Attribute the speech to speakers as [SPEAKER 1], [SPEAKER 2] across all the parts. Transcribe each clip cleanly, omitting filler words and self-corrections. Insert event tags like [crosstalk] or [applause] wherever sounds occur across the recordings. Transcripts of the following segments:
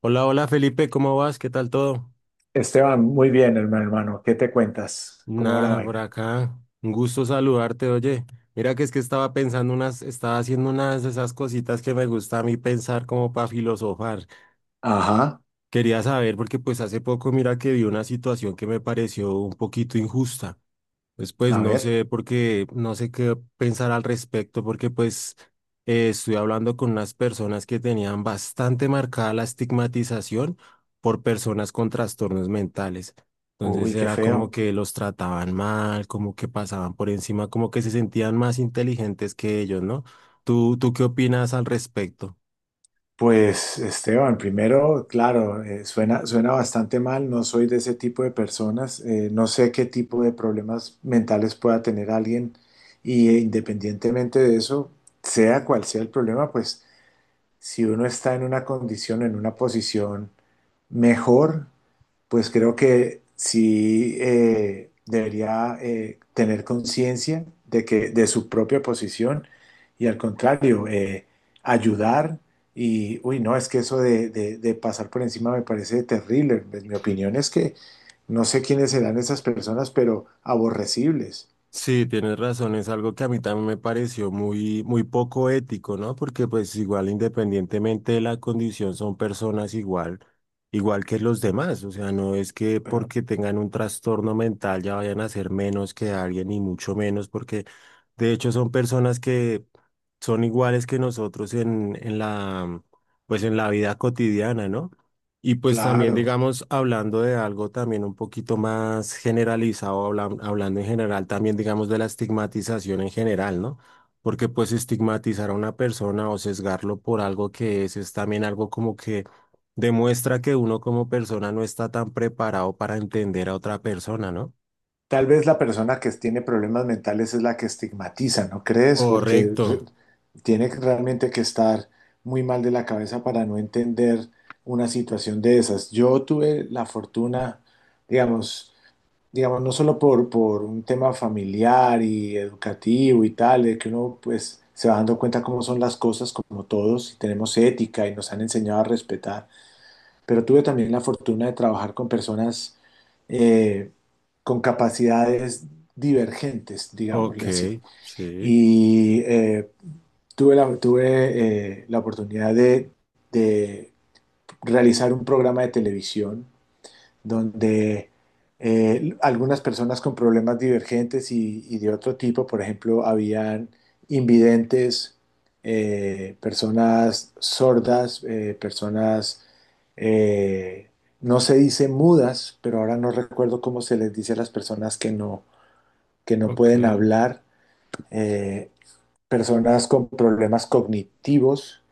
[SPEAKER 1] Hola, hola Felipe, ¿cómo vas? ¿Qué tal todo?
[SPEAKER 2] Esteban, muy bien, hermano. ¿Qué te cuentas? ¿Cómo va la
[SPEAKER 1] Nada, por
[SPEAKER 2] vaina?
[SPEAKER 1] acá. Un gusto saludarte, oye. Mira que es que estaba pensando unas, estaba haciendo unas de esas cositas que me gusta a mí pensar como para filosofar.
[SPEAKER 2] Ajá,
[SPEAKER 1] Quería saber porque pues hace poco mira que vi una situación que me pareció un poquito injusta. Pues,
[SPEAKER 2] a
[SPEAKER 1] no
[SPEAKER 2] ver.
[SPEAKER 1] sé porque no sé qué pensar al respecto, porque pues estuve hablando con unas personas que tenían bastante marcada la estigmatización por personas con trastornos mentales. Entonces
[SPEAKER 2] Uy, qué
[SPEAKER 1] era como
[SPEAKER 2] feo.
[SPEAKER 1] que los trataban mal, como que pasaban por encima, como que se sentían más inteligentes que ellos, ¿no? ¿Tú ¿qué opinas al respecto?
[SPEAKER 2] Pues, Esteban, primero, claro, suena bastante mal. No soy de ese tipo de personas. Eh, no sé qué tipo de problemas mentales pueda tener alguien. Y independientemente de eso, sea cual sea el problema, pues si uno está en una condición, en una posición mejor, pues creo que sí debería tener conciencia de que de su propia posición y, al contrario, ayudar. Y uy, no, es que eso de, de pasar por encima me parece terrible. Pues mi opinión es que no sé quiénes serán esas personas, pero aborrecibles.
[SPEAKER 1] Sí, tienes razón, es algo que a mí también me pareció muy, muy poco ético, ¿no? Porque pues igual independientemente de la condición son personas igual, igual que los demás, o sea, no es que
[SPEAKER 2] Pero
[SPEAKER 1] porque tengan un trastorno mental ya vayan a ser menos que alguien y mucho menos porque de hecho son personas que son iguales que nosotros en la, pues en la vida cotidiana, ¿no? Y pues también,
[SPEAKER 2] claro.
[SPEAKER 1] digamos, hablando de algo también un poquito más generalizado, hablando en general también, digamos, de la estigmatización en general, ¿no? Porque pues estigmatizar a una persona o sesgarlo por algo que es también algo como que demuestra que uno como persona no está tan preparado para entender a otra persona, ¿no?
[SPEAKER 2] Tal vez la persona que tiene problemas mentales es la que estigmatiza, ¿no crees? Porque
[SPEAKER 1] Correcto.
[SPEAKER 2] realmente que estar muy mal de la cabeza para no entender una situación de esas. Yo tuve la fortuna, digamos, digamos, no solo por un tema familiar y educativo y tal, de que uno pues se va dando cuenta cómo son las cosas, como todos, y tenemos ética y nos han enseñado a respetar, pero tuve también la fortuna de trabajar con personas eh, con capacidades divergentes,
[SPEAKER 1] Ok,
[SPEAKER 2] digámosle así.
[SPEAKER 1] sí,
[SPEAKER 2] Y tuve la oportunidad de realizar un programa de televisión donde algunas personas con problemas divergentes y de otro tipo, por ejemplo, habían invidentes, personas sordas, eh, personas, eh, no se dice mudas, pero ahora no recuerdo cómo se les dice a las personas que que no
[SPEAKER 1] ok,
[SPEAKER 2] pueden hablar, eh, personas con problemas cognitivos,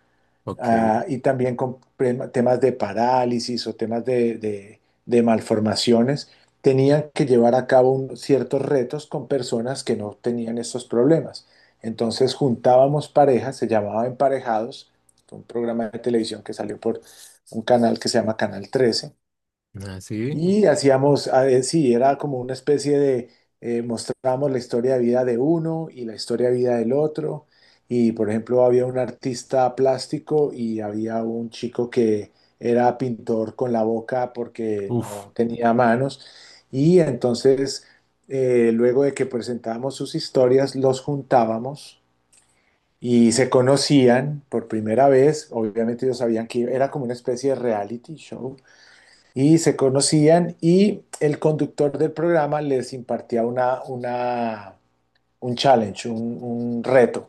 [SPEAKER 1] ok.
[SPEAKER 2] ah, y también con temas de parálisis o temas de malformaciones, tenían que llevar a cabo ciertos retos con personas que no tenían estos problemas. Entonces juntábamos parejas, se llamaba Emparejados, un programa de televisión que salió por un canal que se llama Canal 13.
[SPEAKER 1] Así,
[SPEAKER 2] Y hacíamos, a ver, sí, era como una especie de, mostrábamos la historia de vida de uno y la historia de vida del otro. Y por ejemplo, había un artista plástico y había un chico que era pintor con la boca porque
[SPEAKER 1] uf,
[SPEAKER 2] no tenía manos. Y entonces, luego de que presentábamos sus historias, los juntábamos y se conocían por primera vez. Obviamente ellos sabían que era como una especie de reality show, y se conocían y el conductor del programa les impartía un challenge, un reto.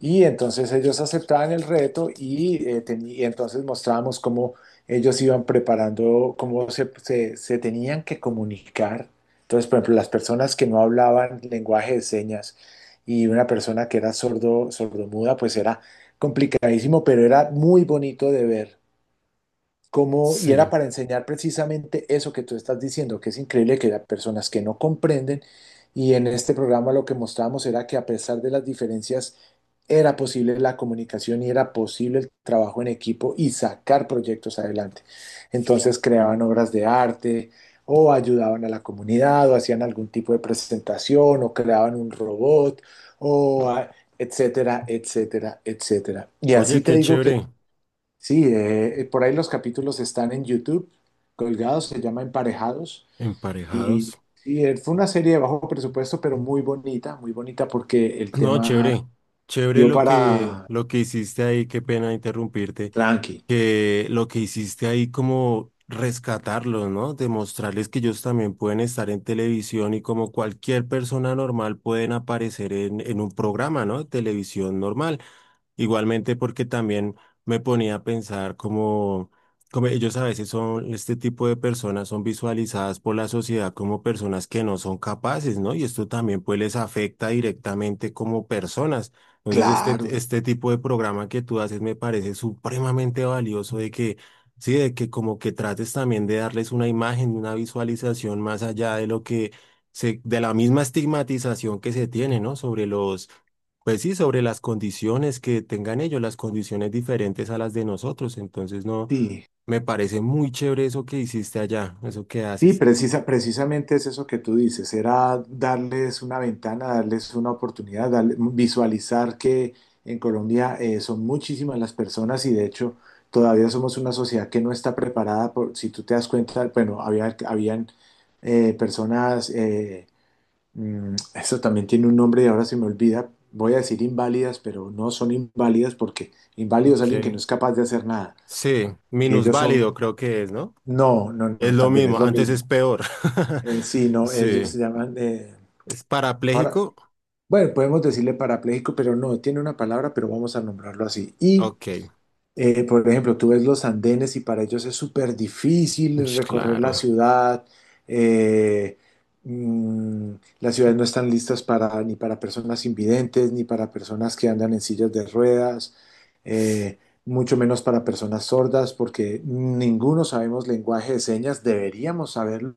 [SPEAKER 2] Y entonces ellos aceptaban el reto y, y entonces mostrábamos cómo ellos iban preparando, cómo se tenían que comunicar. Entonces, por ejemplo, las personas que no hablaban lenguaje de señas y una persona que era sordo, sordomuda, pues era complicadísimo, pero era muy bonito de ver, como, y
[SPEAKER 1] sí.
[SPEAKER 2] era para enseñar precisamente eso que tú estás diciendo, que es increíble que hay personas que no comprenden, y en este programa lo que mostrábamos era que, a pesar de las diferencias, era posible la comunicación y era posible el trabajo en equipo y sacar proyectos adelante. Entonces creaban obras de arte o ayudaban a la comunidad o hacían algún tipo de presentación o creaban un robot o etcétera, etcétera, etcétera. Y
[SPEAKER 1] Oye,
[SPEAKER 2] así te
[SPEAKER 1] qué
[SPEAKER 2] digo que
[SPEAKER 1] chévere,
[SPEAKER 2] sí. Eh, por ahí los capítulos están en YouTube, colgados, se llama Emparejados. Y,
[SPEAKER 1] emparejados.
[SPEAKER 2] y, fue una serie de bajo presupuesto, pero muy bonita porque el
[SPEAKER 1] No,
[SPEAKER 2] tema
[SPEAKER 1] chévere, chévere
[SPEAKER 2] dio para
[SPEAKER 1] lo que hiciste ahí, qué pena interrumpirte,
[SPEAKER 2] tranqui.
[SPEAKER 1] que lo que hiciste ahí como rescatarlos, ¿no? Demostrarles que ellos también pueden estar en televisión y como cualquier persona normal pueden aparecer en un programa, ¿no? De televisión normal. Igualmente porque también me ponía a pensar como, como ellos a veces son, este tipo de personas son visualizadas por la sociedad como personas que no son capaces, ¿no? Y esto también pues les afecta directamente como personas. Entonces este,
[SPEAKER 2] Claro,
[SPEAKER 1] este tipo de programa que tú haces me parece supremamente valioso de que, sí, de que como que trates también de darles una imagen, una visualización más allá de lo que se, de la misma estigmatización que se tiene, ¿no? Sobre los pues sí, sobre las condiciones que tengan ellos, las condiciones diferentes a las de nosotros. Entonces, no,
[SPEAKER 2] sí.
[SPEAKER 1] me parece muy chévere eso que hiciste allá, eso que
[SPEAKER 2] Sí,
[SPEAKER 1] haces.
[SPEAKER 2] precisamente es eso que tú dices, era darles una ventana, darles una oportunidad, visualizar que en Colombia son muchísimas las personas y de hecho todavía somos una sociedad que no está preparada por, si tú te das cuenta, bueno, habían eh, personas, eso también tiene un nombre y ahora se me olvida, voy a decir inválidas, pero no son inválidas porque inválido es alguien que no
[SPEAKER 1] Ok.
[SPEAKER 2] es capaz de hacer nada,
[SPEAKER 1] Sí,
[SPEAKER 2] y ellos
[SPEAKER 1] minusválido
[SPEAKER 2] son,
[SPEAKER 1] creo que es, ¿no?
[SPEAKER 2] no, no,
[SPEAKER 1] Es
[SPEAKER 2] no,
[SPEAKER 1] lo
[SPEAKER 2] también es
[SPEAKER 1] mismo,
[SPEAKER 2] lo
[SPEAKER 1] antes
[SPEAKER 2] mismo.
[SPEAKER 1] es peor. [laughs]
[SPEAKER 2] Sí, no, ellos
[SPEAKER 1] Sí.
[SPEAKER 2] se llaman. Eh,
[SPEAKER 1] ¿Es
[SPEAKER 2] ahora,
[SPEAKER 1] parapléjico?
[SPEAKER 2] bueno, podemos decirle parapléjico, pero no, tiene una palabra, pero vamos a nombrarlo así. Y,
[SPEAKER 1] Ok.
[SPEAKER 2] por ejemplo, tú ves los andenes y para ellos es súper difícil
[SPEAKER 1] Ush,
[SPEAKER 2] recorrer la
[SPEAKER 1] claro.
[SPEAKER 2] ciudad. eh, mm, las ciudades no están listas para, ni para personas invidentes, ni para personas que andan en sillas de ruedas, eh, mucho menos para personas sordas, porque ninguno sabemos lenguaje de señas, deberíamos saberlo,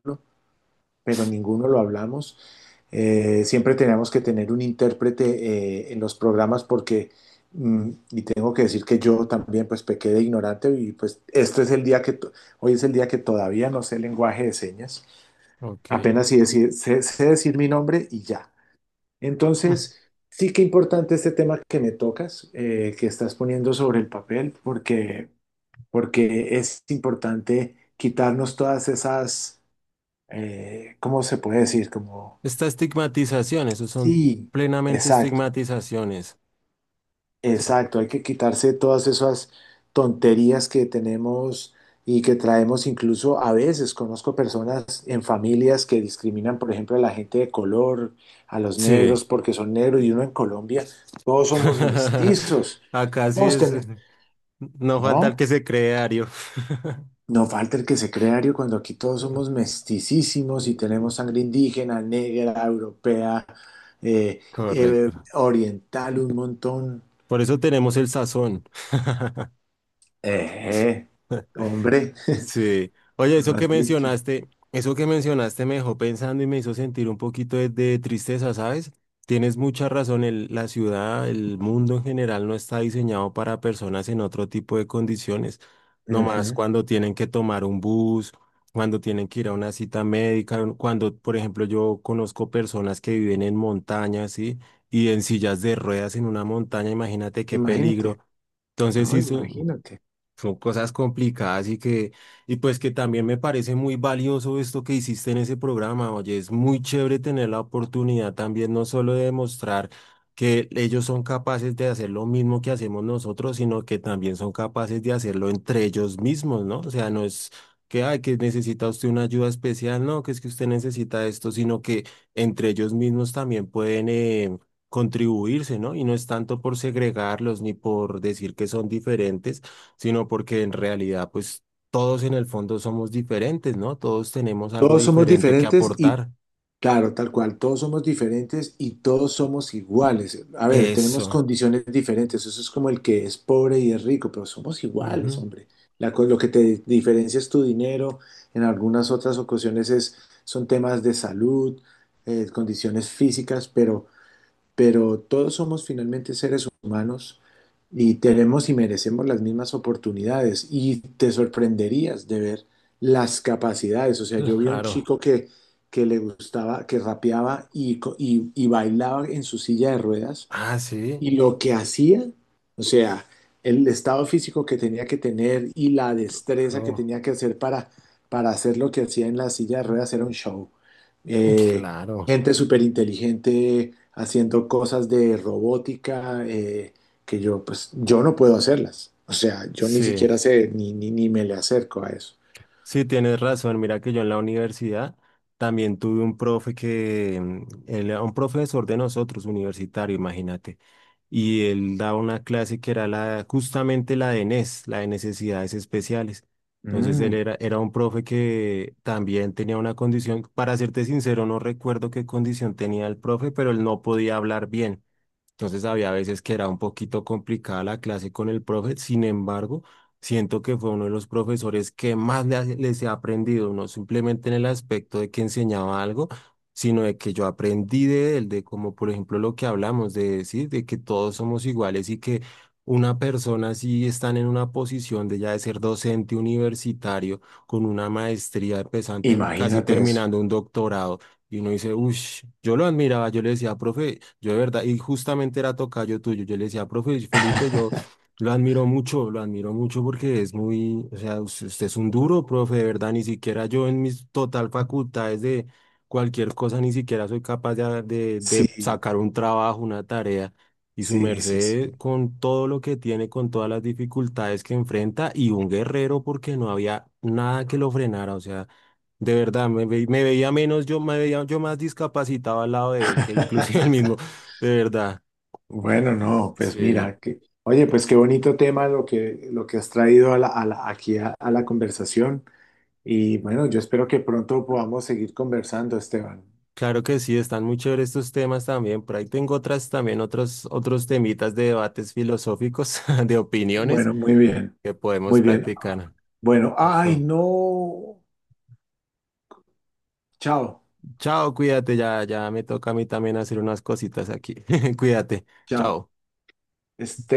[SPEAKER 2] pero ninguno lo hablamos. Siempre teníamos que tener un intérprete en los programas porque, y tengo que decir que yo también pues pequé de ignorante y pues este es el día que, hoy es el día que todavía no sé lenguaje de señas,
[SPEAKER 1] Ok.
[SPEAKER 2] apenas sí sé, sé decir mi nombre y ya.
[SPEAKER 1] Mm.
[SPEAKER 2] Entonces, sí que importante este tema que me tocas, que estás poniendo sobre el papel, porque, porque es importante quitarnos todas esas, ¿cómo se puede decir? Como
[SPEAKER 1] Esta estigmatización, eso son
[SPEAKER 2] sí,
[SPEAKER 1] plenamente
[SPEAKER 2] exacto,
[SPEAKER 1] estigmatizaciones. Son-
[SPEAKER 2] exacto. Hay que quitarse todas esas tonterías que tenemos y que traemos incluso a veces. Conozco personas en familias que discriminan, por ejemplo, a la gente de color, a los
[SPEAKER 1] Sí.
[SPEAKER 2] negros porque son negros, y uno en Colombia, todos somos
[SPEAKER 1] [laughs]
[SPEAKER 2] mestizos.
[SPEAKER 1] Acá sí
[SPEAKER 2] Todos
[SPEAKER 1] es.
[SPEAKER 2] tenemos,
[SPEAKER 1] No falta el que
[SPEAKER 2] ¿no?
[SPEAKER 1] se cree Ario.
[SPEAKER 2] No falta el que se crea Ario, cuando aquí todos somos mesticísimos y tenemos
[SPEAKER 1] [laughs]
[SPEAKER 2] sangre indígena, negra, europea, eh,
[SPEAKER 1] Correcto.
[SPEAKER 2] oriental, un montón.
[SPEAKER 1] Por eso tenemos el sazón.
[SPEAKER 2] Eh, hombre, [laughs]
[SPEAKER 1] Sí. Oye,
[SPEAKER 2] tú lo has dicho.
[SPEAKER 1] eso que mencionaste me dejó pensando y me hizo sentir un poquito de tristeza, ¿sabes? Tienes mucha razón, el- la ciudad, el mundo en general no está diseñado para personas en otro tipo de condiciones, no más
[SPEAKER 2] Ujú.
[SPEAKER 1] cuando tienen que tomar un bus, cuando tienen que ir a una cita médica, cuando, por ejemplo, yo conozco personas que viven en montañas, ¿sí? Y en sillas de ruedas en una montaña, imagínate qué
[SPEAKER 2] Imagínate,
[SPEAKER 1] peligro. Entonces,
[SPEAKER 2] no,
[SPEAKER 1] sí,
[SPEAKER 2] imagínate.
[SPEAKER 1] son cosas complicadas y que, y pues que también me parece muy valioso esto que hiciste en ese programa. Oye, es muy chévere tener la oportunidad también no solo de demostrar que ellos son capaces de hacer lo mismo que hacemos nosotros, sino que también son capaces de hacerlo entre ellos mismos, ¿no? O sea, no es que, ay, que necesita usted una ayuda especial, no, que es que usted necesita esto, sino que entre ellos mismos también pueden contribuirse, ¿no? Y no es tanto por segregarlos ni por decir que son diferentes sino porque en realidad, pues todos en el fondo somos diferentes, ¿no? Todos tenemos algo
[SPEAKER 2] Todos somos
[SPEAKER 1] diferente que
[SPEAKER 2] diferentes y,
[SPEAKER 1] aportar.
[SPEAKER 2] claro, tal cual, todos somos diferentes y todos somos iguales. A ver, tenemos
[SPEAKER 1] Eso.
[SPEAKER 2] condiciones diferentes. Eso es como el que es pobre y es rico, pero somos iguales,
[SPEAKER 1] Ujú,
[SPEAKER 2] hombre. Lo que te diferencia es tu dinero. En algunas otras ocasiones es, son temas de salud, condiciones físicas, pero todos somos finalmente seres humanos y tenemos y merecemos las mismas oportunidades, y te sorprenderías de ver las capacidades. O sea, yo
[SPEAKER 1] [laughs]
[SPEAKER 2] vi a un
[SPEAKER 1] claro.
[SPEAKER 2] chico que le gustaba, que rapeaba y, y bailaba en su silla de ruedas
[SPEAKER 1] Ah, sí,
[SPEAKER 2] y lo que hacía, o sea, el estado físico que tenía que tener y la destreza que
[SPEAKER 1] claro.
[SPEAKER 2] tenía que hacer para hacer lo que hacía en la silla de ruedas
[SPEAKER 1] [laughs]
[SPEAKER 2] era un show. Eh,
[SPEAKER 1] Claro.
[SPEAKER 2] gente súper inteligente haciendo cosas de robótica, que yo, pues, yo no puedo hacerlas. O sea, yo ni
[SPEAKER 1] Sí,
[SPEAKER 2] siquiera sé, ni, ni, ni me le acerco a eso.
[SPEAKER 1] sí, tienes razón. Mira que yo en la universidad también tuve un profe que, mm, él era un profesor de nosotros, universitario, imagínate. Y él daba una clase que era la, justamente la de NES, la de necesidades especiales. Entonces él
[SPEAKER 2] Mm,
[SPEAKER 1] era, era un profe que también tenía una condición, para serte sincero, no recuerdo qué condición tenía el profe, pero él no podía hablar bien. Entonces había veces que era un poquito complicada la clase con el profe, sin embargo, siento que fue uno de los profesores que más les he aprendido, no simplemente en el aspecto de que enseñaba algo, sino de que yo aprendí de él, de como por ejemplo lo que hablamos, de decir, de que todos somos iguales y que una persona si están en una posición de ya de ser docente universitario, con una maestría, empezando, casi
[SPEAKER 2] Imagínate eso.
[SPEAKER 1] terminando un doctorado. Y uno dice, uff, yo lo admiraba, yo le decía, profe, yo de verdad, y justamente era tocayo tuyo, yo le decía, profe, Felipe, yo
[SPEAKER 2] [laughs]
[SPEAKER 1] lo admiro mucho porque es muy, o sea, usted es un duro, profe, de verdad, ni siquiera yo en mis total facultades de cualquier cosa, ni siquiera soy capaz de
[SPEAKER 2] Sí,
[SPEAKER 1] sacar un trabajo, una tarea. Y su
[SPEAKER 2] sí, sí, sí.
[SPEAKER 1] merced con todo lo que tiene, con todas las dificultades que enfrenta, y un guerrero porque no había nada que lo frenara, o sea. De verdad, me veía menos, yo me veía yo más discapacitado al lado de él que inclusive [laughs] el mismo.
[SPEAKER 2] [laughs]
[SPEAKER 1] De verdad.
[SPEAKER 2] Bueno, no, pues
[SPEAKER 1] Sí.
[SPEAKER 2] mira, que, oye, pues qué bonito tema lo que has traído a la, aquí a la conversación. Y bueno, yo espero que pronto podamos seguir conversando, Esteban.
[SPEAKER 1] Claro que sí, están muy chéveres estos temas también. Por ahí tengo otras también, otros, otros temitas de debates filosóficos, [laughs] de opiniones
[SPEAKER 2] Bueno, muy bien,
[SPEAKER 1] que
[SPEAKER 2] muy
[SPEAKER 1] podemos
[SPEAKER 2] bien.
[SPEAKER 1] practicar.
[SPEAKER 2] Bueno, ay,
[SPEAKER 1] Listo.
[SPEAKER 2] no, chao,
[SPEAKER 1] Chao, cuídate, ya, ya me toca a mí también hacer unas cositas aquí. [laughs] Cuídate.
[SPEAKER 2] chao.
[SPEAKER 1] Chao.
[SPEAKER 2] Esteban.